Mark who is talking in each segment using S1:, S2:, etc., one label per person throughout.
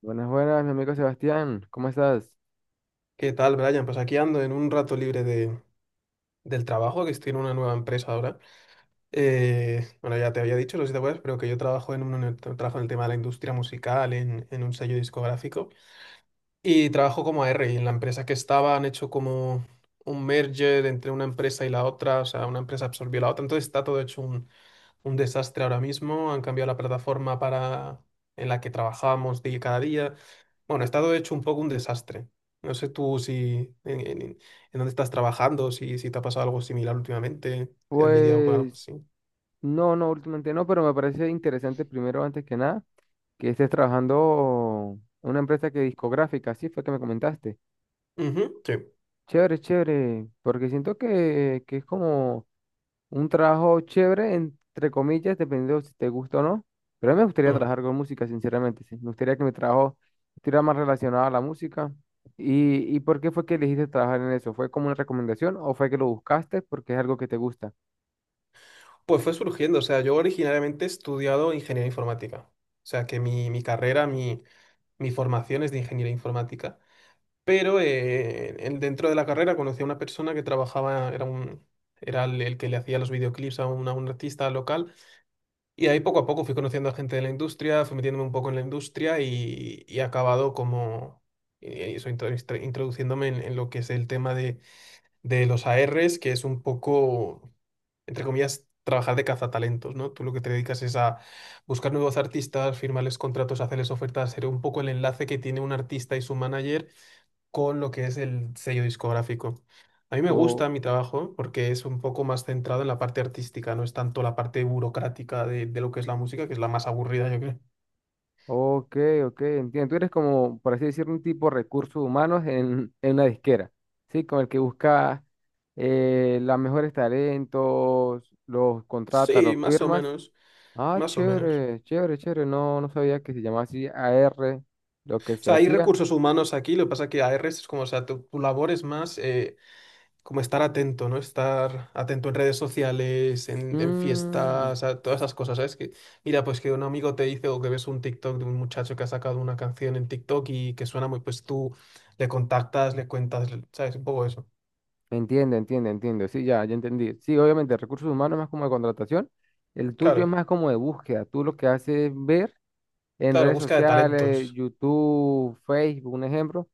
S1: Buenas, buenas, mi amigo Sebastián, ¿cómo estás?
S2: ¿Qué tal, Brian? Pues aquí ando en un rato libre del trabajo, que estoy en una nueva empresa ahora. Bueno, ya te había dicho, no sé si te acuerdas, pero que yo trabajo en el tema de la industria musical, en un sello discográfico. Y trabajo como AR y en la empresa que estaba han hecho como un merger entre una empresa y la otra, o sea, una empresa absorbió la otra, entonces está todo hecho un desastre ahora mismo, han cambiado la plataforma para en la que trabajamos cada día. Bueno, está todo hecho un poco un desastre. No sé tú si en dónde estás trabajando, si te ha pasado algo similar últimamente, si has lidiado con algo
S1: Pues
S2: así.
S1: no, no, últimamente no, pero me parece interesante primero, antes que nada, que estés trabajando en una empresa que discográfica, sí fue que me comentaste.
S2: Ujú, sí.
S1: Chévere, chévere, porque siento que es como un trabajo chévere, entre comillas, dependiendo si te gusta o no, pero a mí me gustaría
S2: Mm.
S1: trabajar con música, sinceramente, sí. Me gustaría que mi trabajo estuviera más relacionado a la música. Y por qué fue que elegiste trabajar en eso? ¿Fue como una recomendación o fue que lo buscaste porque es algo que te gusta?
S2: Pues fue surgiendo, o sea, yo originariamente he estudiado ingeniería informática. O sea, que mi carrera, mi formación es de ingeniería informática, pero dentro de la carrera conocí a una persona que trabajaba, era el que le hacía los videoclips a un artista local, y ahí poco a poco fui conociendo a gente de la industria, fui metiéndome un poco en la industria y he acabado como, eso, introduciéndome en lo que es el tema de los ARs, que es un poco entre comillas, trabajar de cazatalentos, ¿no? Tú lo que te dedicas es a buscar nuevos artistas, firmarles contratos, hacerles ofertas, ser un poco el enlace que tiene un artista y su manager con lo que es el sello discográfico. A mí me
S1: Oh,
S2: gusta mi trabajo porque es un poco más centrado en la parte artística, no es tanto la parte burocrática de lo que es la música, que es la más aburrida, yo creo.
S1: ok, ok, entiendo. Tú eres como, por así decirlo, un tipo de recursos humanos en una disquera, ¿sí? Con el que busca los mejores talentos, los contrata los
S2: Sí, más o
S1: firmas.
S2: menos,
S1: Ah,
S2: más o menos.
S1: chévere, chévere, chévere. No, no sabía que se llamaba así A R lo que
S2: O
S1: se
S2: sea, hay
S1: hacía.
S2: recursos humanos aquí, lo que pasa es que AR es como, o sea, tu labor es más como estar atento, ¿no? Estar atento en redes sociales, en
S1: Mm,
S2: fiestas, a todas esas cosas, ¿sabes? Que, mira, pues que un amigo te dice o que ves un TikTok de un muchacho que ha sacado una canción en TikTok y que suena muy, pues tú le contactas, le cuentas, ¿sabes? Un poco eso.
S1: entiendo, entiendo, entiendo. Sí, ya, ya entendí. Sí, obviamente, recursos humanos es más como de contratación. El tuyo es
S2: Claro,
S1: más como de búsqueda. Tú lo que haces es ver en
S2: claro,
S1: redes
S2: busca de
S1: sociales,
S2: talentos.
S1: YouTube, Facebook, un ejemplo,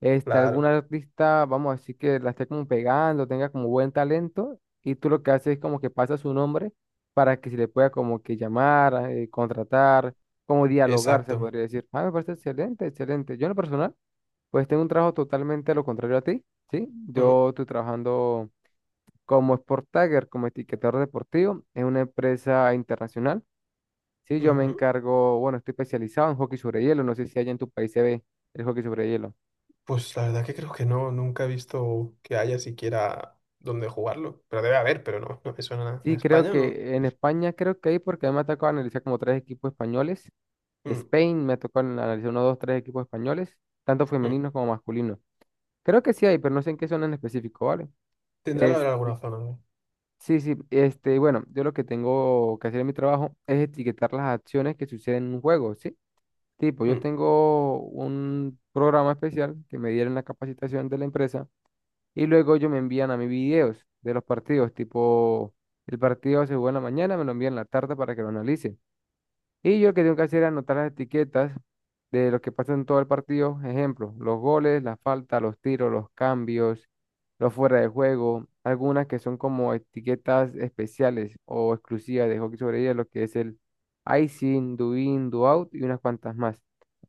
S1: este, algún
S2: Claro,
S1: artista, vamos a decir que la esté como pegando, tenga como buen talento, y tú lo que haces es como que pasa su nombre para que se le pueda como que llamar, contratar, como dialogar, se
S2: exacto.
S1: podría decir. Ah, me parece excelente, excelente. Yo en lo personal, pues tengo un trabajo totalmente a lo contrario a ti, ¿sí?
S2: Mm,
S1: Yo estoy trabajando como Sport Tagger, como etiquetador deportivo, en una empresa internacional. Sí, yo me
S2: ujú.
S1: encargo, bueno, estoy especializado en hockey sobre hielo, no sé si allá en tu país se ve el hockey sobre hielo.
S2: Pues la verdad que creo que no, nunca he visto que haya siquiera dónde jugarlo. Pero debe haber, pero no, no me suena nada. En
S1: Sí, creo
S2: España no.
S1: que en España creo que hay, porque a mí me ha tocado analizar como tres equipos españoles.
S2: Mm,
S1: Spain me ha tocado analizar uno, dos, tres equipos españoles, tanto
S2: mm.
S1: femeninos como masculinos. Creo que sí hay, pero no sé en qué son en específico, ¿vale?
S2: Tendrá que haber
S1: Es,
S2: alguna zona, ¿no?
S1: sí, sí, este, bueno, yo lo que tengo que hacer en mi trabajo es etiquetar las acciones que suceden en un juego, ¿sí? Tipo, yo
S2: Mm.
S1: tengo un programa especial que me dieron en la capacitación de la empresa y luego ellos me envían a mí videos de los partidos, tipo, el partido se juega en la mañana, me lo envían en la tarde para que lo analice. Y yo lo que tengo que hacer es anotar las etiquetas de lo que pasa en todo el partido. Ejemplo, los goles, la falta los tiros, los cambios, los fuera de juego. Algunas que son como etiquetas especiales o exclusivas de hockey sobre hielo, lo que es el icing, do in, do out y unas cuantas más.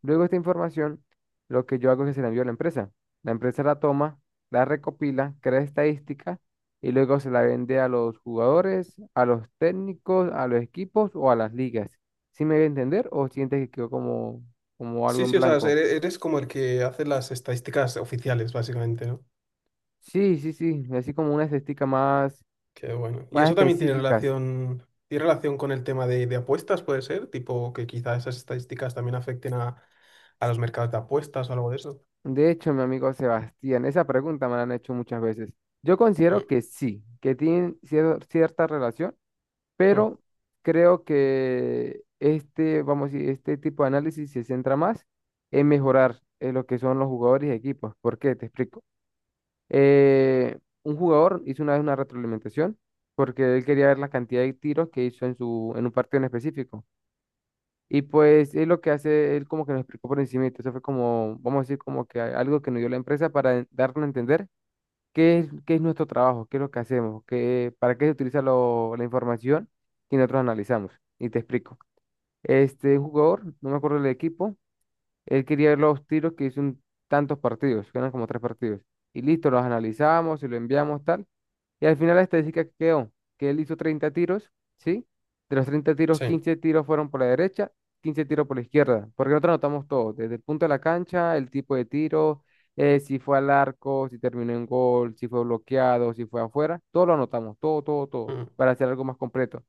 S1: Luego esta información, lo que yo hago es que se la envío a la empresa. La empresa la toma, la recopila, crea estadística y luego se la vende a los jugadores, a los técnicos, a los equipos o a las ligas. ¿Sí me voy a entender o sientes que quedó como algo
S2: Sí,
S1: en
S2: sí, o sea,
S1: blanco?
S2: eres como el que hace las estadísticas oficiales, básicamente, ¿no?
S1: Sí, sí, sí, así como una esticas más,
S2: Qué bueno. Y
S1: más
S2: eso también
S1: específicas.
S2: tiene relación con el tema de apuestas, puede ser, tipo que quizá esas estadísticas también afecten a los mercados de apuestas o algo de eso.
S1: De hecho, mi amigo Sebastián, esa pregunta me la han hecho muchas veces. Yo considero
S2: Mm,
S1: que sí, que tienen cierta relación,
S2: mm,
S1: pero creo que este, vamos a decir, este tipo de análisis se centra más en mejorar lo que son los jugadores y equipos. ¿Por qué? Te explico. Eh, un jugador hizo una vez una retroalimentación porque él quería ver la cantidad de tiros que hizo en su, en un partido en específico. Y pues es lo que hace, él como que nos explicó por encima, eso fue como, vamos a decir, como que algo que nos dio la empresa para darnos a entender qué es nuestro trabajo, qué es lo que hacemos, qué, para qué se utiliza la información que nosotros analizamos. Y te explico. Este jugador, no me acuerdo del equipo, él quería ver los tiros que hizo en tantos partidos, que eran como tres partidos. Y listo, los analizamos y lo enviamos tal. Y al final la estadística que quedó, que él hizo 30 tiros, ¿sí? De los 30 tiros,
S2: sí.
S1: 15 tiros fueron por la derecha, 15 tiros por la izquierda, porque nosotros anotamos todo, desde el punto de la cancha, el tipo de tiro, si fue al arco, si terminó en gol, si fue bloqueado, si fue afuera, todo lo anotamos, todo, todo, todo,
S2: Mm,
S1: para hacer algo más completo.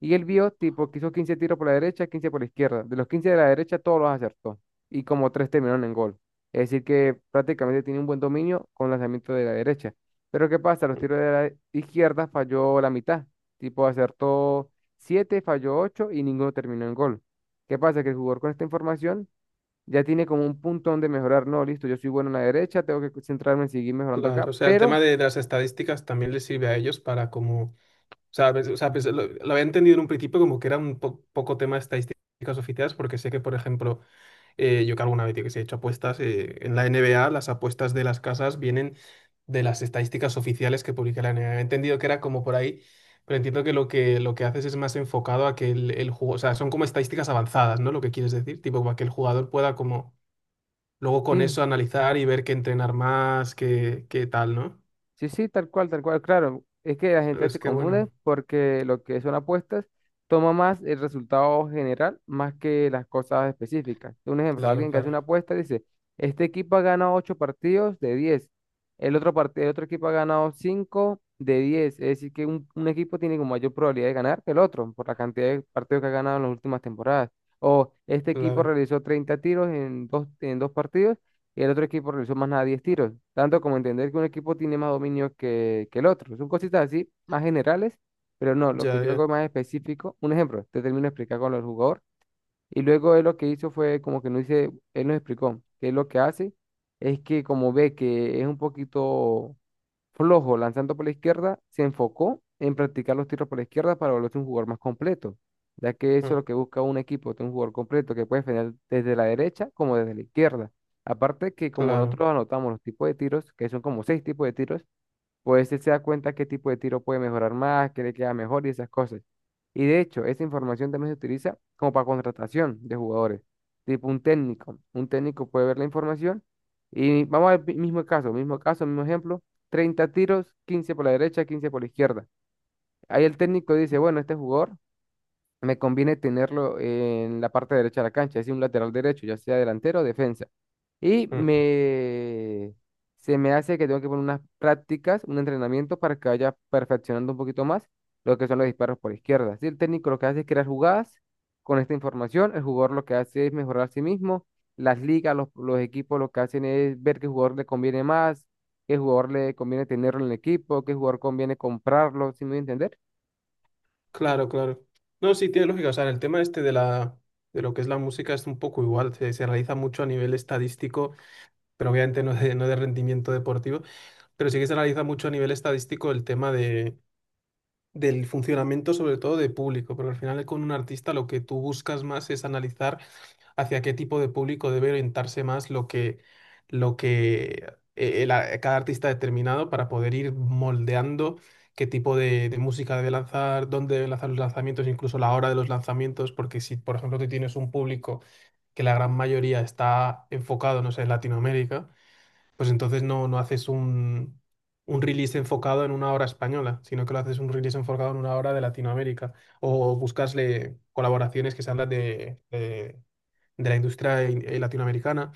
S1: Y él vio, tipo, que hizo 15 tiros por la derecha, 15 por la izquierda. De los 15 de la derecha, todos los acertó. Y como tres terminaron en gol. Es decir, que prácticamente tiene un buen dominio con lanzamiento de la derecha. Pero ¿qué pasa? Los
S2: mm.
S1: tiros de la izquierda falló la mitad. Tipo, acertó 7 falló 8 y ninguno terminó en gol. ¿Qué pasa? Que el jugador con esta información ya tiene como un punto donde mejorar. No, listo, yo soy bueno en la derecha, tengo que centrarme en seguir mejorando acá.
S2: Claro, o sea, el
S1: Pero
S2: tema de las estadísticas también les sirve a ellos para como, o sea, o sea, pues, lo había entendido en un principio como que era un poco tema de estadísticas oficiales, porque sé que, por ejemplo, yo que alguna vez, yo que sé, he hecho apuestas. En la NBA, las apuestas de las casas vienen de las estadísticas oficiales que publica la NBA. He entendido que era como por ahí, pero entiendo que lo que haces es más enfocado a que el juego, o sea, son como estadísticas avanzadas, ¿no? Lo que quieres decir, tipo, para que el jugador pueda como luego con
S1: sí.
S2: eso analizar y ver qué entrenar más, qué tal, ¿no?
S1: Sí, sí, tal cual, claro. Es que la gente
S2: Es
S1: se
S2: que
S1: confunde
S2: bueno,
S1: porque lo que son apuestas toma más el resultado general más que las cosas específicas. Un ejemplo,
S2: claro,
S1: alguien que hace
S2: claro,
S1: una apuesta dice, este equipo ha ganado 8 partidos de 10. El otro, el otro equipo ha ganado 5 de 10, es decir, que un equipo tiene como mayor probabilidad de ganar que el otro por la cantidad de partidos que ha ganado en las últimas temporadas. O este equipo
S2: claro,
S1: realizó 30 tiros en dos partidos y el otro equipo realizó más nada 10 tiros, tanto como entender que un equipo tiene más dominio que el otro. Son cositas así, más generales, pero no, lo que
S2: ya,
S1: yo
S2: ya,
S1: hago es más específico, un ejemplo, te termino de explicar con el jugador, y luego él lo que hizo fue como que no hice, él nos explicó que él lo que hace es que como ve que es un poquito flojo lanzando por la izquierda, se enfocó en practicar los tiros por la izquierda para volverse un jugador más completo, ya que eso
S2: mm,
S1: es lo que busca un equipo, tener un jugador completo que puede defender desde la derecha como desde la izquierda. Aparte que como
S2: claro.
S1: nosotros anotamos los tipos de tiros, que son como seis tipos de tiros, pues él se da cuenta qué tipo de tiro puede mejorar más, qué le queda mejor y esas cosas. Y de hecho, esa información también se utiliza como para contratación de jugadores, tipo un técnico. Un técnico puede ver la información y vamos al mismo caso, mismo caso, mismo ejemplo, 30 tiros, 15 por la derecha, 15 por la izquierda. Ahí el técnico dice, bueno, este jugador me conviene tenerlo en la parte derecha de la cancha, es decir, un lateral derecho, ya sea delantero o defensa. Y
S2: Mm.
S1: me, Se me hace que tengo que poner unas prácticas, un entrenamiento para que vaya perfeccionando un poquito más lo que son los disparos por izquierda. Si el técnico lo que hace es crear jugadas con esta información, el jugador lo que hace es mejorar a sí mismo, las ligas, los equipos lo que hacen es ver qué jugador le conviene más, qué jugador le conviene tenerlo en el equipo, qué jugador conviene comprarlo, ¿si me voy a entender?
S2: Claro, claro. No, sí, tiene lógica. O sea, el tema este de lo que es la música es un poco igual. Se realiza mucho a nivel estadístico, pero obviamente no de rendimiento deportivo. Pero sí que se realiza mucho a nivel estadístico el tema del funcionamiento, sobre todo de público. Porque al final, con un artista, lo que tú buscas más es analizar hacia qué tipo de público debe orientarse más lo que el a- cada artista ha determinado para poder ir moldeando qué tipo de música debe lanzar, dónde debe lanzar los lanzamientos, incluso la hora de los lanzamientos, porque si, por ejemplo, tú tienes un público que la gran mayoría está enfocado, no sé, en Latinoamérica, pues entonces no haces un release enfocado en una hora española, sino que lo haces un release enfocado en una hora de Latinoamérica o buscasle colaboraciones que se hablan de la industria latinoamericana.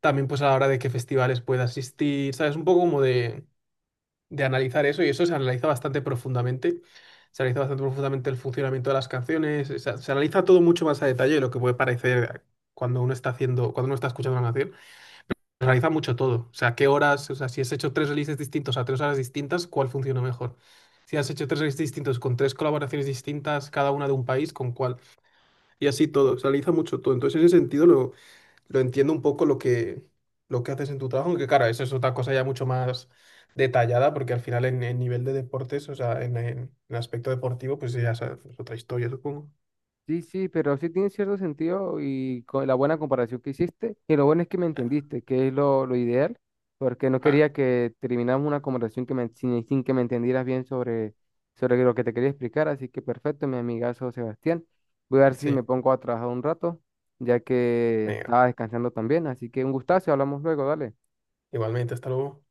S2: También pues a la hora de qué festivales puede asistir, ¿sabes? Un poco como de analizar eso y eso se analiza bastante profundamente. Se analiza bastante profundamente el funcionamiento de las canciones, o sea, se analiza todo mucho más a detalle de lo que puede parecer cuando uno está escuchando una canción. Se analiza mucho todo, o sea, qué horas, o sea, si has hecho tres releases distintos a tres horas distintas, ¿cuál funciona mejor? Si has hecho tres releases distintos con tres colaboraciones distintas, cada una de un país, ¿con cuál? Y así todo, se analiza mucho todo. Entonces, en ese sentido, lo entiendo un poco lo que haces en tu trabajo, aunque claro, eso es otra cosa ya mucho más detallada, porque al final en el nivel de deportes, o sea, en el aspecto deportivo, pues ya sabes, es otra historia, supongo.
S1: Sí, sí, pero sí tiene cierto sentido y con la buena comparación que hiciste. Y lo bueno es que me
S2: Ah,
S1: entendiste, que es lo ideal, porque no
S2: ah,
S1: quería que termináramos una conversación que sin que me entendieras bien sobre lo que te quería explicar. Así que perfecto, mi amigazo Sebastián. Voy a ver si
S2: sí,
S1: me pongo a trabajar un rato, ya que
S2: venga,
S1: estaba descansando también. Así que un gustazo, hablamos luego, dale.
S2: igualmente, hasta luego.